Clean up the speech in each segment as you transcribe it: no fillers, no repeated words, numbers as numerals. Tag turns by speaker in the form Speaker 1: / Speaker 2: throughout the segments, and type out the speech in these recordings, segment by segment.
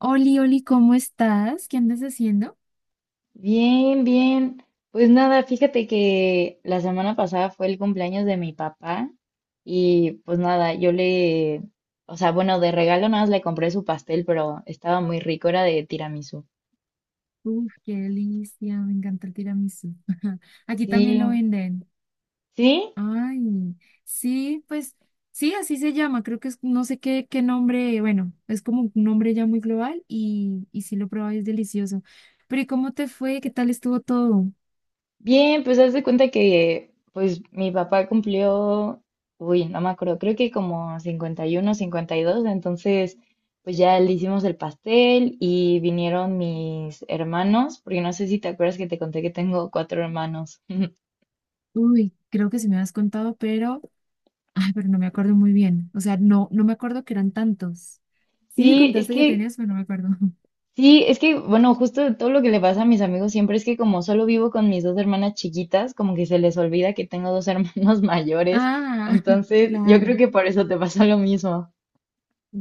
Speaker 1: Oli, Oli, ¿cómo estás? ¿Qué andas haciendo?
Speaker 2: Bien, bien. Pues nada, fíjate que la semana pasada fue el cumpleaños de mi papá y pues nada, yo le, o sea, bueno, de regalo nada más le compré su pastel, pero estaba muy rico, era de tiramisú.
Speaker 1: Uf, qué delicia, me encanta el tiramisú. Aquí también lo
Speaker 2: Sí,
Speaker 1: venden.
Speaker 2: sí.
Speaker 1: Ay, sí, pues sí, así se llama. Creo que es, no sé qué, qué nombre, bueno, es como un nombre ya muy global y sí lo probé, es delicioso. Pero ¿y cómo te fue? ¿Qué tal estuvo todo?
Speaker 2: Bien, pues haz de cuenta que pues mi papá cumplió, no me acuerdo, creo que como 50 51 52. Entonces pues ya le hicimos el pastel y vinieron mis hermanos, porque no sé si te acuerdas que te conté que tengo cuatro hermanos.
Speaker 1: Uy, creo que sí me has contado, pero, ay, pero no me acuerdo muy bien. O sea, no me acuerdo que eran tantos. Sí me
Speaker 2: Sí, es
Speaker 1: contaste que
Speaker 2: que,
Speaker 1: tenías, pero no me acuerdo.
Speaker 2: sí, es que, bueno, justo todo lo que le pasa a mis amigos siempre es que como solo vivo con mis dos hermanas chiquitas, como que se les olvida que tengo dos hermanos mayores,
Speaker 1: Ah,
Speaker 2: entonces yo creo
Speaker 1: claro.
Speaker 2: que por eso te pasa lo mismo.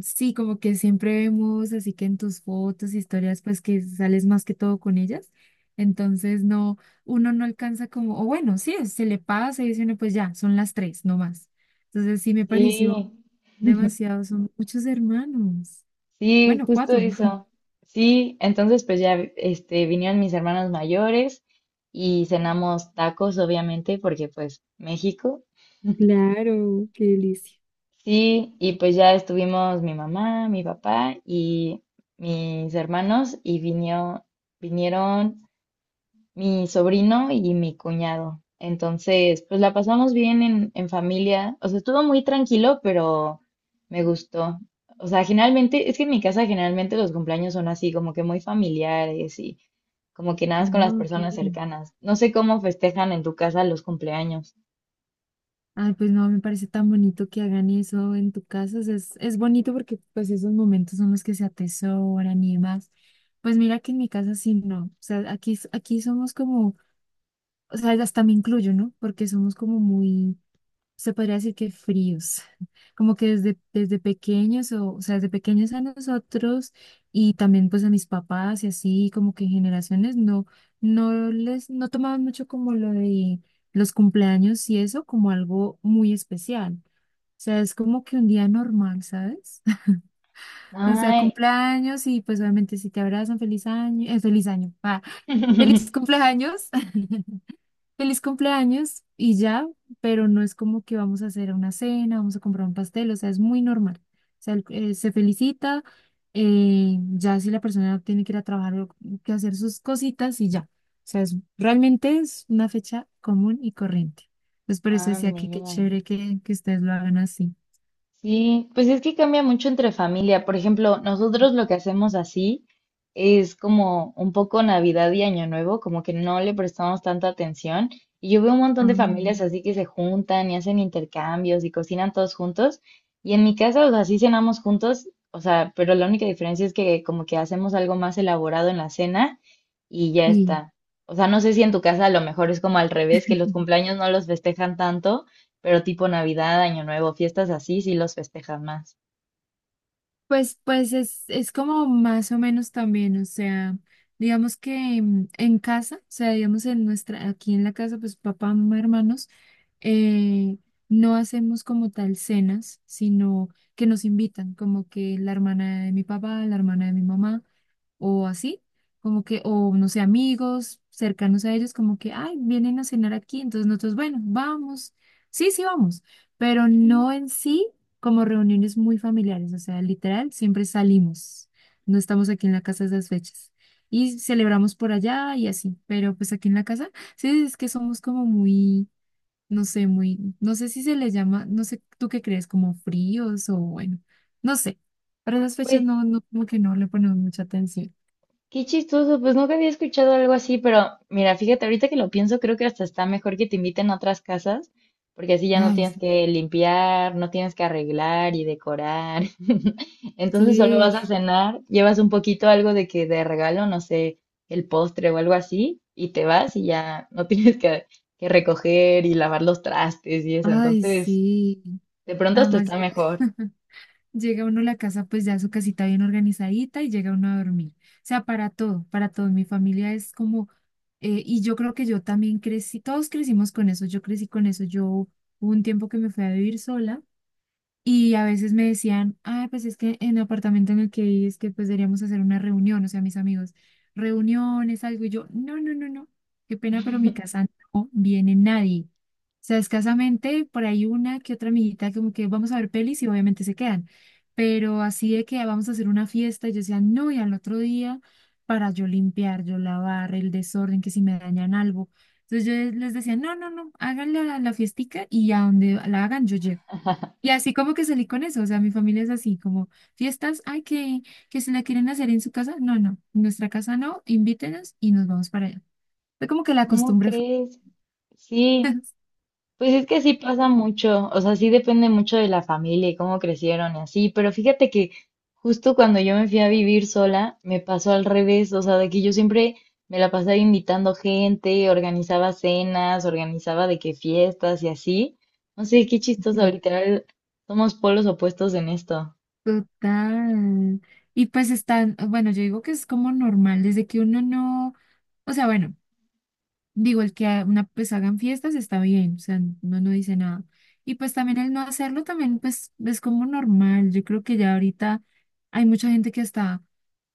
Speaker 1: Sí, como que siempre vemos, así que en tus fotos, historias, pues que sales más que todo con ellas. Entonces, no, uno no alcanza como, o bueno, sí, se le pasa y dice uno, pues ya, son las tres, no más. Entonces, sí me
Speaker 2: Sí.
Speaker 1: pareció demasiado, son muchos hermanos.
Speaker 2: Sí,
Speaker 1: Bueno,
Speaker 2: justo
Speaker 1: cuatro.
Speaker 2: eso. Sí, entonces pues ya este vinieron mis hermanos mayores y cenamos tacos, obviamente, porque pues México.
Speaker 1: Claro, qué delicia.
Speaker 2: Sí, y pues ya estuvimos mi mamá, mi papá y mis hermanos y vinieron mi sobrino y mi cuñado. Entonces, pues la pasamos bien en familia. O sea, estuvo muy tranquilo, pero me gustó. O sea, generalmente, es que en mi casa generalmente los cumpleaños son así, como que muy familiares y como que nada
Speaker 1: Ah,
Speaker 2: más con las
Speaker 1: no, ok.
Speaker 2: personas cercanas. No sé cómo festejan en tu casa los cumpleaños.
Speaker 1: Ay, pues no, me parece tan bonito que hagan eso en tu casa. O sea, es bonito porque pues esos momentos son los que se atesoran y demás. Pues mira que en mi casa sí no. O sea, aquí somos como, o sea, hasta me incluyo, ¿no? Porque somos como muy se podría decir que fríos, como que desde pequeños, o sea, desde pequeños a nosotros y también pues a mis papás y así, como que generaciones no, no les, no tomaban mucho como lo de los cumpleaños y eso como algo muy especial. O sea, es como que un día normal, ¿sabes? O sea,
Speaker 2: Ay.
Speaker 1: cumpleaños y pues obviamente si te abrazan, feliz año, ah, feliz cumpleaños. Feliz cumpleaños y ya, pero no es como que vamos a hacer una cena, vamos a comprar un pastel, o sea, es muy normal. O sea, el- se felicita, ya si la persona tiene que ir a trabajar o que hacer sus cositas y ya. O sea, es, realmente es una fecha común y corriente. Entonces, por eso
Speaker 2: Ah,
Speaker 1: decía que qué
Speaker 2: mira.
Speaker 1: chévere que ustedes lo hagan así.
Speaker 2: Sí, pues es que cambia mucho entre familia. Por ejemplo, nosotros lo que hacemos así es como un poco Navidad y Año Nuevo, como que no le prestamos tanta atención. Y yo veo un montón
Speaker 1: Ah,
Speaker 2: de familias así que se juntan y hacen intercambios y cocinan todos juntos. Y en mi casa, o sea, sí cenamos juntos, o sea, pero la única diferencia es que como que hacemos algo más elaborado en la cena y ya
Speaker 1: sí.
Speaker 2: está. O sea, no sé si en tu casa a lo mejor es como al revés, que los cumpleaños no los festejan tanto pero tipo Navidad, Año Nuevo, fiestas así, sí los festejan más.
Speaker 1: Pues es como más o menos también, o sea, digamos que en casa, o sea, digamos en nuestra, aquí en la casa, pues papá, mamá, hermanos, eh, no hacemos como tal cenas, sino que nos invitan, como que la hermana de mi papá, la hermana de mi mamá o así, como que, o no sé, amigos cercanos a ellos, como que, ay, vienen a cenar aquí, entonces nosotros, bueno, vamos, sí, vamos, pero
Speaker 2: Ujú.
Speaker 1: no en sí como reuniones muy familiares, o sea, literal, siempre salimos, no estamos aquí en la casa esas fechas. Y celebramos por allá y así, pero pues aquí en la casa, sí, es que somos como muy, no sé si se les llama, no sé, ¿tú qué crees? Como fríos o bueno, no sé, para esas fechas
Speaker 2: Pues
Speaker 1: no, como que no le ponemos mucha atención.
Speaker 2: qué chistoso, pues nunca había escuchado algo así, pero mira, fíjate, ahorita que lo pienso, creo que hasta está mejor que te inviten a otras casas, porque así ya no
Speaker 1: Ay,
Speaker 2: tienes que limpiar, no tienes que arreglar y decorar. Entonces solo
Speaker 1: sí,
Speaker 2: vas a cenar, llevas un poquito algo de que de regalo, no sé, el postre o algo así, y te vas y ya no que recoger y lavar los trastes y eso.
Speaker 1: ay,
Speaker 2: Entonces,
Speaker 1: sí.
Speaker 2: de pronto hasta
Speaker 1: Además
Speaker 2: está
Speaker 1: llega,
Speaker 2: mejor.
Speaker 1: llega uno a la casa, pues ya su casita bien organizadita y llega uno a dormir. O sea, para todo. Mi familia es como, y yo creo que yo también crecí, todos crecimos con eso, yo crecí con eso. Yo hubo un tiempo que me fui a vivir sola. Y a veces me decían, ay, pues es que en el apartamento en el que viví es que pues deberíamos hacer una reunión, o sea, mis amigos, reuniones, algo. Y yo, no, qué pena, pero mi casa no viene nadie. O sea, escasamente por ahí una que otra amiguita como que vamos a ver pelis y obviamente se quedan. Pero así de que "Ah, vamos a hacer una fiesta", yo decía, no, y al otro día para yo limpiar, yo lavar, el desorden, que si me dañan algo. Entonces yo les decía, no, háganle la fiestica y a donde la hagan yo llego. Y así como que salí con eso, o sea, mi familia es así, como fiestas, ay, que se la quieren hacer en su casa, no, en nuestra casa no, invítenos y nos vamos para allá. Fue como que la
Speaker 2: ¿Cómo
Speaker 1: costumbre fue.
Speaker 2: crees? Sí, pues es que sí pasa mucho, o sea, sí depende mucho de la familia y cómo crecieron y así, pero fíjate que justo cuando yo me fui a vivir sola, me pasó al revés, o sea, de que yo siempre me la pasaba invitando gente, organizaba cenas, organizaba de qué fiestas y así. No sé, qué chistoso,
Speaker 1: Sí.
Speaker 2: literal, somos polos opuestos en esto.
Speaker 1: Total. Y pues están, bueno, yo digo que es como normal, desde que uno no, o sea, bueno, digo, el que a- una, pues hagan fiestas está bien, o sea, uno no dice nada. Y pues también el no hacerlo también, pues es como normal. Yo creo que ya ahorita hay mucha gente que está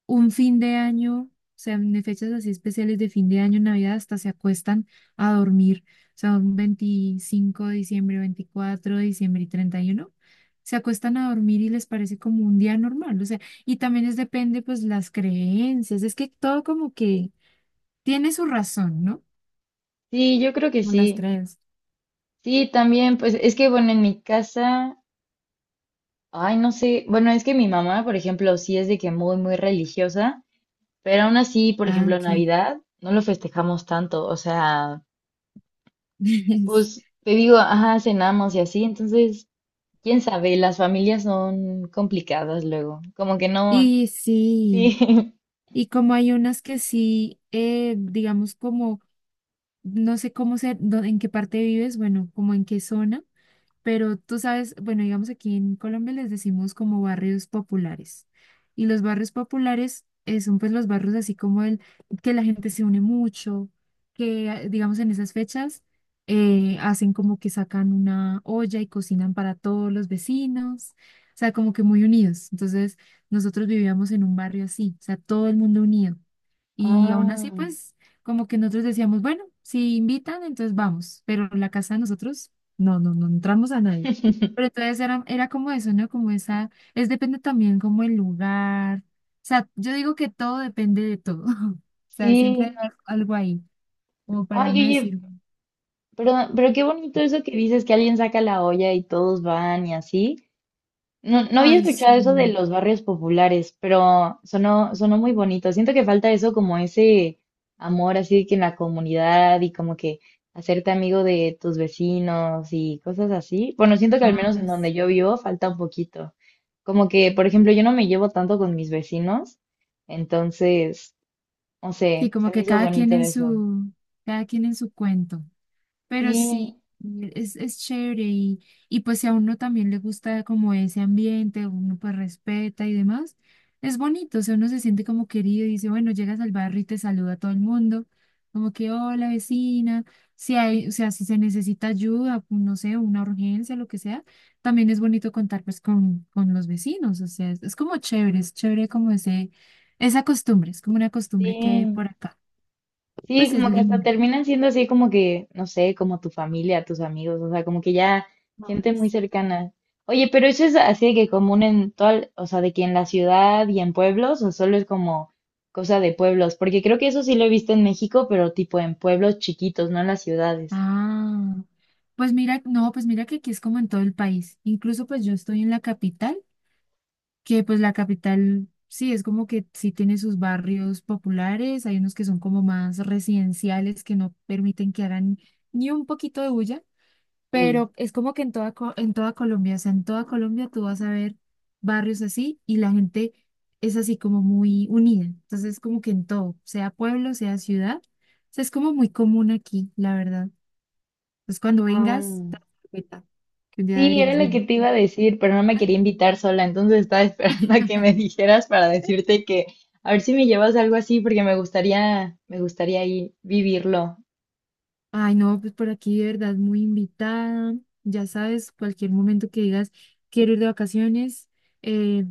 Speaker 1: un fin de año, o sea, en fechas así especiales de fin de año, Navidad, hasta se acuestan a dormir. O sea, un 25 de diciembre, 24 de diciembre y 31, se acuestan a dormir y les parece como un día normal. O sea, y también es depende, pues, las creencias. Es que todo como que tiene su razón, ¿no?
Speaker 2: Sí, yo creo que
Speaker 1: Como las
Speaker 2: sí.
Speaker 1: creencias.
Speaker 2: Sí, también, pues es que bueno, en mi casa... Ay, no sé. Bueno, es que mi mamá, por ejemplo, sí es de que muy religiosa, pero aún así, por
Speaker 1: Ah,
Speaker 2: ejemplo,
Speaker 1: ok.
Speaker 2: Navidad no lo festejamos tanto. O sea, pues te digo, ajá, cenamos y así. Entonces, quién sabe, las familias son complicadas luego. Como que no.
Speaker 1: Y sí,
Speaker 2: Sí.
Speaker 1: y como hay unas que sí, digamos como no sé cómo ser, en qué parte vives, bueno, como en qué zona, pero tú sabes, bueno, digamos aquí en Colombia les decimos como barrios populares. Y los barrios populares son pues los barrios así como el que la gente se une mucho, que ah, digamos en esas fechas hacen como que sacan una olla y cocinan para todos los vecinos, o sea, como que muy unidos. Entonces, nosotros vivíamos en un barrio así, o sea, todo el mundo unido y aún
Speaker 2: Ah.
Speaker 1: así, pues, como que nosotros decíamos, bueno, si invitan, entonces vamos, pero la casa de nosotros, no entramos a nadie. Pero entonces era como eso, ¿no? Como esa, es depende también como el lugar. O sea, yo digo que todo depende de todo. O sea, siempre
Speaker 2: Sí.
Speaker 1: hay al- algo ahí, como para
Speaker 2: Ay,
Speaker 1: uno
Speaker 2: oye,
Speaker 1: decir,
Speaker 2: pero qué bonito eso que dices que alguien saca la olla y todos van y así. No, no había
Speaker 1: ay, sí,
Speaker 2: escuchado eso de los barrios populares, pero sonó muy bonito. Siento que falta eso como ese amor así de que en la comunidad y como que hacerte amigo de tus vecinos y cosas así. Bueno, siento que al menos en
Speaker 1: ay, sí.
Speaker 2: donde yo vivo falta un poquito. Como que, por ejemplo, yo no me llevo tanto con mis vecinos, entonces, no
Speaker 1: Sí,
Speaker 2: sé,
Speaker 1: como
Speaker 2: se me
Speaker 1: que
Speaker 2: hizo
Speaker 1: cada quien
Speaker 2: bonito
Speaker 1: en
Speaker 2: eso.
Speaker 1: su, cada quien en su cuento. Pero
Speaker 2: Sí,
Speaker 1: sí, es chévere y pues si a uno también le gusta como ese ambiente, uno pues respeta y demás, es bonito, o sea, uno se siente como querido y dice, bueno, llegas al barrio y te saluda a todo el mundo, como que hola vecina, si hay, o sea, si se necesita ayuda, pues, no sé, una urgencia, lo que sea, también es bonito contar pues con los vecinos, o sea, es como chévere, es chévere como ese, esa costumbre, es como una costumbre que hay
Speaker 2: sí.
Speaker 1: por acá,
Speaker 2: Sí,
Speaker 1: pues es
Speaker 2: como que hasta
Speaker 1: linda.
Speaker 2: terminan siendo así como que, no sé, como tu familia, tus amigos, o sea, como que ya gente
Speaker 1: Ay,
Speaker 2: muy
Speaker 1: sí.
Speaker 2: cercana. Oye, pero eso es así de que común en todo, o sea, de que en la ciudad y en pueblos, o solo es como cosa de pueblos, porque creo que eso sí lo he visto en México, pero tipo en pueblos chiquitos, no en las ciudades.
Speaker 1: Ah, pues mira, no, pues mira que aquí es como en todo el país. Incluso pues yo estoy en la capital, que pues la capital sí es como que sí tiene sus barrios populares, hay unos que son como más residenciales que no permiten que hagan ni un poquito de bulla,
Speaker 2: Uy.
Speaker 1: pero es como que en toda, Co- en toda Colombia, o sea, en toda Colombia tú vas a ver barrios así y la gente es así como muy unida. Entonces como que en todo, sea pueblo, sea ciudad, o sea, es como muy común aquí, la verdad. Entonces, cuando vengas,
Speaker 2: Ah,
Speaker 1: te das cuenta que un día
Speaker 2: sí, era
Speaker 1: deberías
Speaker 2: lo que
Speaker 1: venir.
Speaker 2: te iba a decir, pero no me quería invitar sola, entonces estaba esperando a que me dijeras para decirte que a ver si me llevas algo así, porque me gustaría ahí vivirlo.
Speaker 1: Ay, no, pues por aquí de verdad muy invitada. Ya sabes, cualquier momento que digas, quiero ir de vacaciones, eh,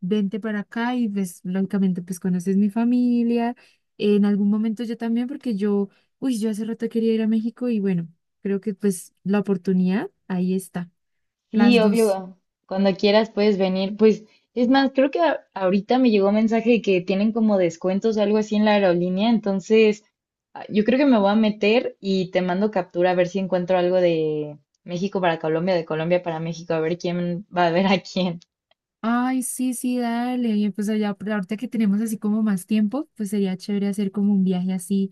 Speaker 1: vente para acá y pues lógicamente pues conoces mi familia. En algún momento yo también, porque yo, uy, yo hace rato quería ir a México y bueno, creo que pues la oportunidad ahí está,
Speaker 2: Sí,
Speaker 1: las dos.
Speaker 2: obvio, cuando quieras puedes venir. Pues es más, creo que ahorita me llegó un mensaje de que tienen como descuentos o algo así en la aerolínea, entonces ah, yo creo que me voy a meter y te mando captura a ver si encuentro algo de México para Colombia, de Colombia para México, a ver quién va a ver a quién.
Speaker 1: Ay, sí, sí, dale. Y pues allá, por ahorita que tenemos así como más tiempo, pues sería chévere hacer como un viaje así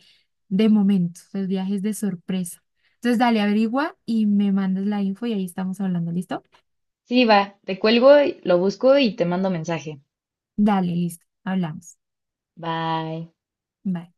Speaker 1: de momento, los viajes de sorpresa. Entonces, dale, averigua y me mandas la info y ahí estamos hablando, ¿listo?
Speaker 2: Sí, va, te cuelgo, lo busco y te mando mensaje.
Speaker 1: Dale, listo, hablamos.
Speaker 2: Bye.
Speaker 1: Bye.